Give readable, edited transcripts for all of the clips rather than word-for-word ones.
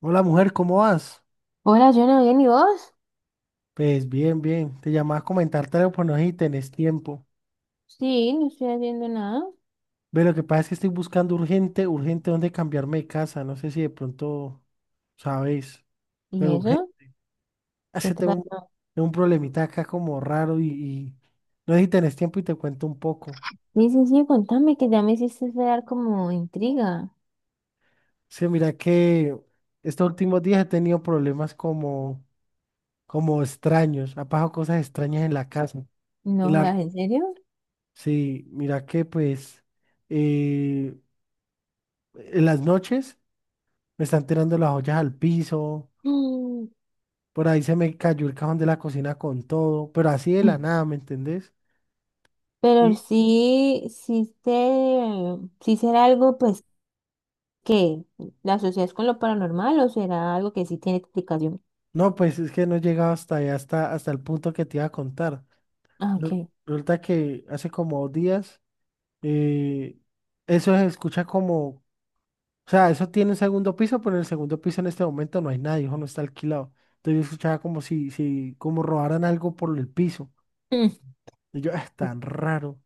Hola mujer, ¿cómo vas? Hola, yo no bien, ¿y vos? Pues bien, bien. Te llamaba a comentarte algo, pero no sé si tenés tiempo. Sí, no estoy haciendo nada. Ve, lo que pasa es que estoy buscando urgente, urgente dónde cambiarme de casa. No sé si de pronto sabes, pero ¿Y urgente. eso? ¿Qué Hace te Tengo un, pasó? tengo un problemita acá como raro y no sé si tenés tiempo y te cuento un poco. Sí, sí, sí, contame que ya me hiciste dar como intriga. Sí, mira que estos últimos días he tenido problemas como, como extraños. Ha pasado cosas extrañas en la casa. Y No la, jodas, ¿en serio? sí, mira que pues... eh, En las noches me están tirando las ollas al piso, Mm. por ahí se me cayó el cajón de la cocina con todo, pero así de la nada, ¿me entendés? Pero Y sí, sí será algo, pues, que la asocias con lo paranormal o será algo que sí tiene explicación. no, pues es que no he llegado hasta ahí, hasta el punto que te iba a contar. Ah, Re- ok. Resulta que hace como dos días, eh, eso se escucha como, o sea, eso tiene un segundo piso, pero en el segundo piso en este momento no hay nadie, hijo, no está alquilado. Entonces yo escuchaba como si, si, como robaran algo por el piso. Mm. Y yo, es tan raro.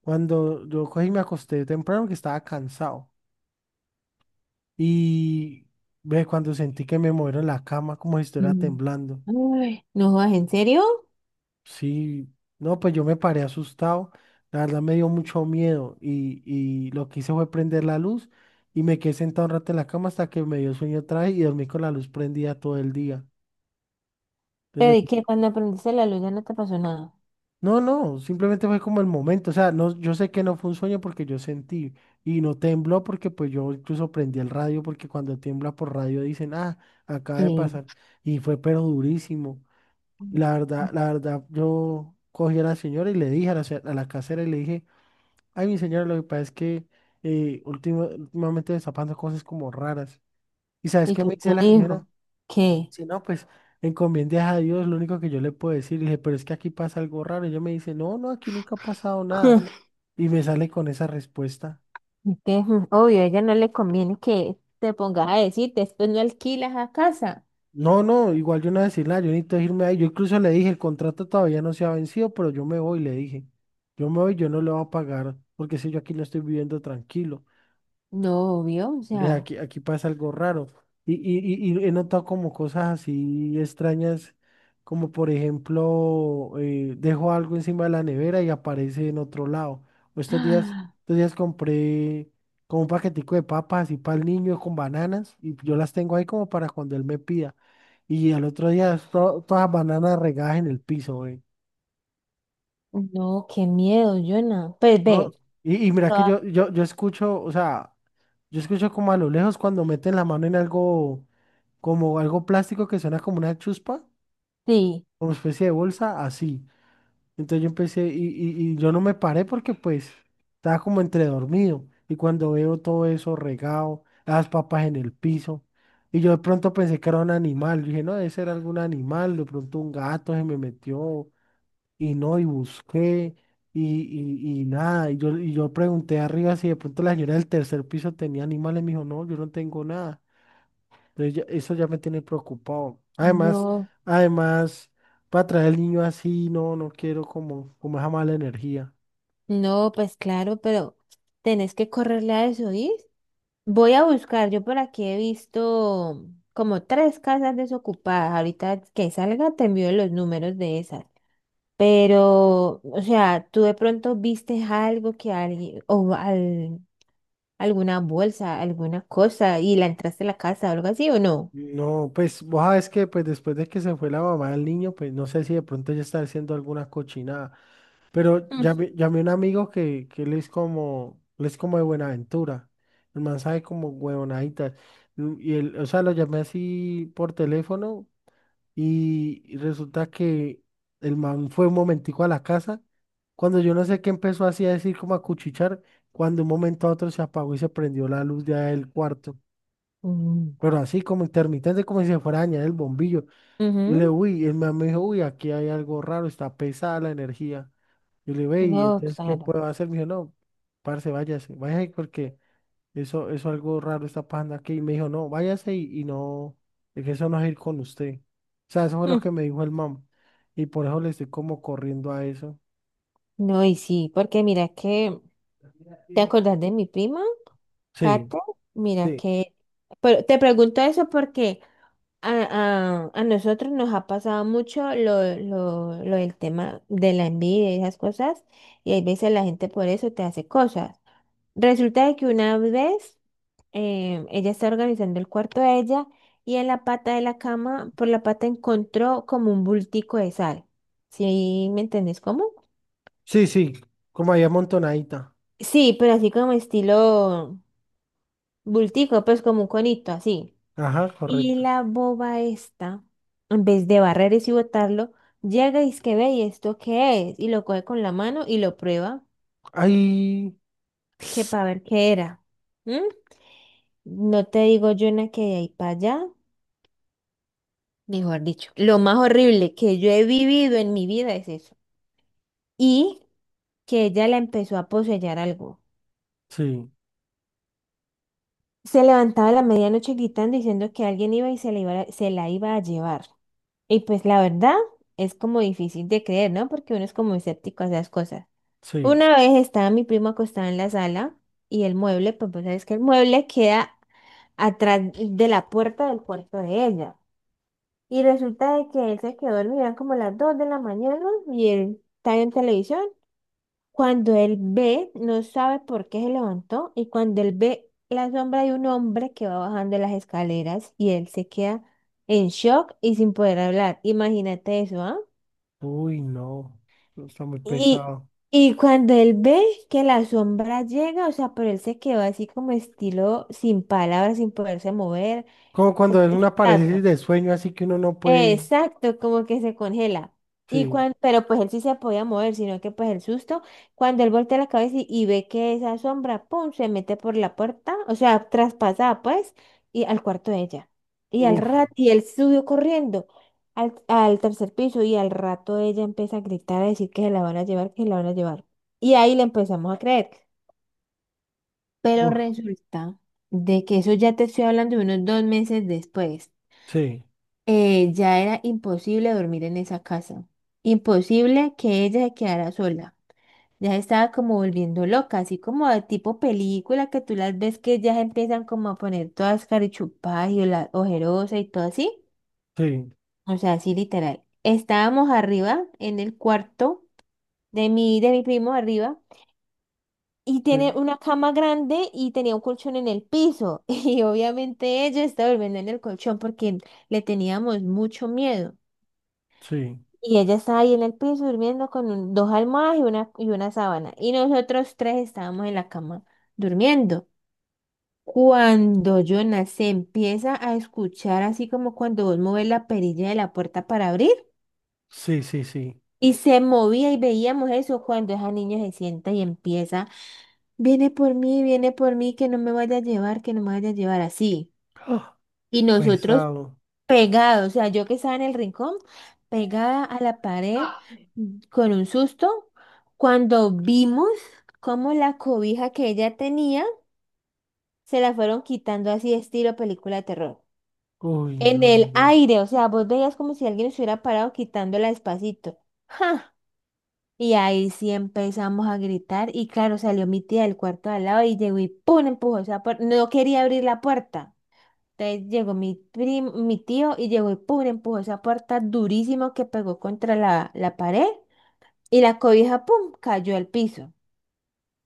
Cuando yo cogí y me acosté temprano que estaba cansado. Y ve cuando sentí que me movieron la cama como si estuviera Mm. temblando. Ay, no jodas, ¿en serio? Sí, no, pues yo me paré asustado. La verdad me dio mucho miedo y lo que hice fue prender la luz y me quedé sentado un rato en la cama hasta que me dio sueño otra vez y dormí con la luz prendida todo el día. Pero Entonces ¿y qué? Cuando aprendiste la luz ya no te pasó nada. no, no, simplemente fue como el momento, o sea, no, yo sé que no fue un sueño porque yo sentí y no tembló porque pues yo incluso prendí el radio porque cuando tiembla por radio dicen, ah, acaba Sí. de pasar y fue pero durísimo. Y la verdad, yo cogí a la señora y le dije a a la casera y le dije, ay, mi señora, lo que pasa es que últimamente me está pasando cosas como raras. ¿Y sabes ¿Y qué qué me te dice la señora? dijo? ¿Qué? Si no, pues encomiendes a Dios, lo único que yo le puedo decir, le dije, pero es que aquí pasa algo raro. Y ella me dice, no, no, aquí nunca ha pasado nada. Y me sale con esa respuesta. ¿Y qué? Obvio, a ella no le conviene que te pongas a decir, después no alquilas a casa. No, no, igual yo no voy a decir nada, yo necesito irme ahí. Yo incluso le dije, el contrato todavía no se ha vencido, pero yo me voy, le dije. Yo me voy, yo no le voy a pagar, porque si yo aquí no estoy viviendo tranquilo. No, obvio, o Ve, sea. Aquí pasa algo raro. Y, y, y y he notado como cosas así extrañas, como por ejemplo, dejo algo encima de la nevera y aparece en otro lado. O estos días compré como un paquetico de papas y para el niño con bananas y yo las tengo ahí como para cuando él me pida. Y al otro día todas las bananas regadas en el piso, güey. No, qué miedo, Jonah. Pues No, ve, y mira que toda- yo escucho, o sea, yo escucho como a lo lejos cuando meten la mano en algo. Como algo plástico que suena como una chuspa, sí, como especie de bolsa, así. Entonces yo empecé y yo no me paré porque pues estaba como entre dormido. Y cuando veo todo eso regado, las papas en el piso, y yo de pronto pensé que era un animal. Yo dije, no, debe ser algún animal, de pronto un gato se me metió y no, y busqué. Y, y nada, y yo pregunté arriba si de pronto la señora del tercer piso tenía animales, me dijo, no, yo no tengo nada. Entonces eso ya me tiene preocupado. Además, no, además, para traer al niño así, no, no quiero como, como esa mala energía. no, pues claro, pero tenés que correrle a eso, ¿y? Voy a buscar, yo por aquí he visto como tres casas desocupadas. Ahorita que salga te envío los números de esas. Pero, o sea, tú de pronto viste algo que alguien, alguna bolsa, alguna cosa, y la entraste a la casa o algo así, ¿o no? No, pues vos sabes que pues después de que se fue la mamá del niño, pues no sé si de pronto ella está haciendo alguna cochinada. Pero Mm. Llamé a un amigo que él es como de Buenaventura. El man sabe como huevonaditas. Y él, o sea, lo llamé así por teléfono. Y resulta que el man fue un momentico a la casa. Cuando yo no sé qué empezó así a decir como a cuchichar, cuando un momento a otro se apagó y se prendió la luz ya del cuarto. Mm, Pero así como intermitente, como si se fuera a dañar el bombillo. Y le, ujú. uy, el man me dijo, uy, aquí hay algo raro, está pesada la energía. Y le, ve, y No, entonces, ¿qué claro. puedo hacer? Me dijo, no, parce, váyase, váyase porque eso algo raro está pasando aquí. Y me dijo, no, váyase y no, es que eso no es ir con usted. O sea, eso fue lo Mm, que me dijo el mam. Y por eso le estoy como corriendo a eso. no, y sí, porque mira que, ¿te acordás de mi prima, Sí, Kate? Mira sí, que, pero te pregunto eso porque a nosotros nos ha pasado mucho lo del tema de la envidia y esas cosas, y hay veces la gente por eso te hace cosas. Resulta de que una vez ella estaba organizando el cuarto de ella y en la pata de la cama, por la pata encontró como un bultico de sal. ¿Sí me entendés cómo? sí, sí, como ahí amontonadita. Sí, pero así como estilo bultico, pues como un conito, así. Ajá, Y correcto. la boba esta, en vez de barrer y botarlo, llega y es que ve, ¿y esto qué es? Y lo coge con la mano y lo prueba, Ay, que para ver qué era. ¿Mm? No te digo, yo una que de ahí para allá. Mejor dicho, lo más horrible que yo he vivido en mi vida es eso. Y que ella la empezó a poseer algo. sí, Se levantaba a la medianoche gritando diciendo que alguien iba y se la iba a llevar. Y pues la verdad es como difícil de creer, ¿no? Porque uno es como escéptico a esas cosas. sí. Una vez estaba mi primo acostado en la sala y el mueble, pues vos sabes que el mueble queda atrás de la puerta del cuarto de ella. Y resulta de que él se quedó dormido, eran como las 2 de la mañana y él estaba en televisión. Cuando él ve, no sabe por qué se levantó y cuando él ve la sombra de un hombre que va bajando las escaleras y él se queda en shock y sin poder hablar. Imagínate eso, ¿ah? Uy, no, eso está muy Y, pesado. y cuando él ve que la sombra llega, o sea, pero él se quedó así como estilo sin palabras, sin poderse mover, Como como cuando es una una parálisis estatua. de sueño, así que uno no puede. Exacto, como que se congela. Y Sí, cuan- pero pues él sí se podía mover, sino que pues el susto, cuando él voltea la cabeza y ve que esa sombra, pum, se mete por la puerta, o sea, traspasada pues, y al cuarto de ella. Y al uf, rato, y él subió corriendo al tercer piso y al rato ella empieza a gritar, a decir que se la van a llevar, que se la van a llevar. Y ahí le empezamos a creer. Pero uf, resulta de que eso ya te estoy hablando de unos 2 meses después. sí, Ya era imposible dormir en esa casa, imposible que ella se quedara sola. Ya se estaba como volviendo loca, así como de tipo película que tú las ves que ya se empiezan como a poner todas carichupadas y ojerosa y todo así. sí, O sea, así literal. Estábamos arriba en el cuarto de mi primo arriba y tiene sí, una cama grande y tenía un colchón en el piso y obviamente ella estaba durmiendo en el colchón porque le teníamos mucho miedo. sí, Y ella estaba ahí en el piso durmiendo con dos almohadas y una sábana. Y nosotros tres estábamos en la cama durmiendo. Cuando Jonas se empieza a escuchar así como cuando vos mueves la perilla de la puerta para abrir sí, sí, sí. y se movía y veíamos eso cuando esa niña se sienta y empieza, viene por mí, que no me vaya a llevar, que no me vaya a llevar así. Y nosotros Pesado. pegado, o sea, yo que estaba en el rincón, pegada a la pared, Ah. Con un susto, cuando vimos cómo la cobija que ella tenía se la fueron quitando así estilo película de terror. Uy, no, En no, el no. aire, o sea, vos veías como si alguien se hubiera parado quitándola despacito. ¡Ja! Y ahí sí empezamos a gritar y claro, salió mi tía del cuarto de al lado y llegó y ¡pum!, empujó esa puerta. No quería abrir la puerta. Entonces llegó mi tío y llegó y pum, le empujó esa puerta durísimo que pegó contra la pared y la cobija, pum, cayó al piso.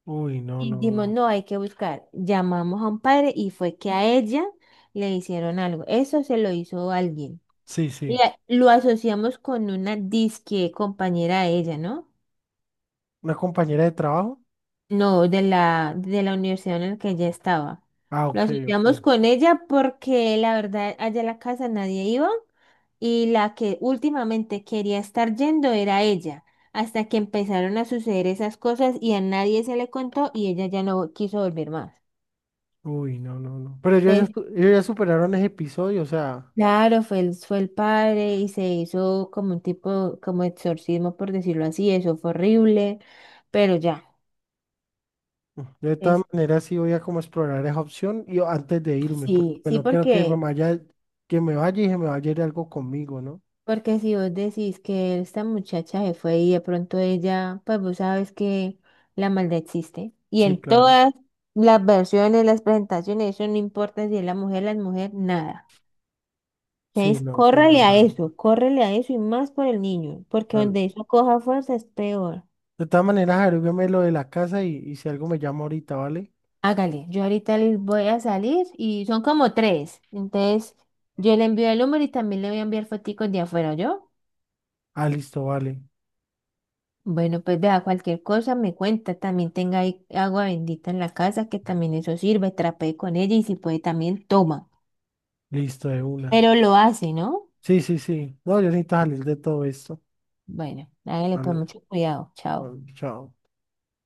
Uy, no, Y no, dijimos, no. no, hay que buscar. Llamamos a un padre y fue que a ella le hicieron algo. Eso se lo hizo alguien. Sí, sí. Lo asociamos con una disque compañera de ella, ¿no? ¿Una compañera de trabajo? No, de la universidad en la que ella estaba. Ah, Lo ok, ok. asociamos con ella porque la verdad allá a la casa nadie iba y la que últimamente quería estar yendo era ella, hasta que empezaron a suceder esas cosas y a nadie se le contó y ella ya no quiso volver más. Uy, no, no, no. Pero ellos ya, Entonces, ellos ya superaron ese episodio, o sea, claro, fue el, padre y se hizo como un tipo, como exorcismo, por decirlo así, eso fue horrible, pero ya, yo de todas es, maneras sí voy a como explorar esa opción y antes de irme, porque sí, pues sí, no quiero porque... que me vaya y se me vaya a ir algo conmigo, ¿no? Porque si vos decís que esta muchacha se fue y de pronto ella, pues vos sabes que la maldad existe. Y Sí, en claro. todas las versiones, las presentaciones, eso no importa si es la mujer, nada. Sí, Entonces, no, sí, es verdad. Córrele a eso y más por el niño, porque Vale. donde eso coja fuerza es peor. De todas maneras, averígüeme lo de la casa y si algo me llama ahorita, ¿vale? Hágale, yo ahorita les voy a salir y son como tres. Entonces, yo le envío el número y también le voy a enviar foticos de afuera, ¿yo? Ah, listo, vale. Bueno, pues vea, cualquier cosa me cuenta, también tenga ahí agua bendita en la casa, que también eso sirve, trapee con ella y si puede también toma. Listo, de una. Pero lo hace, ¿no? Sí, sí, sí. No, yo necesito salir de todo esto. Bueno, hágale pues Vale, mucho cuidado, chao. bueno, chao.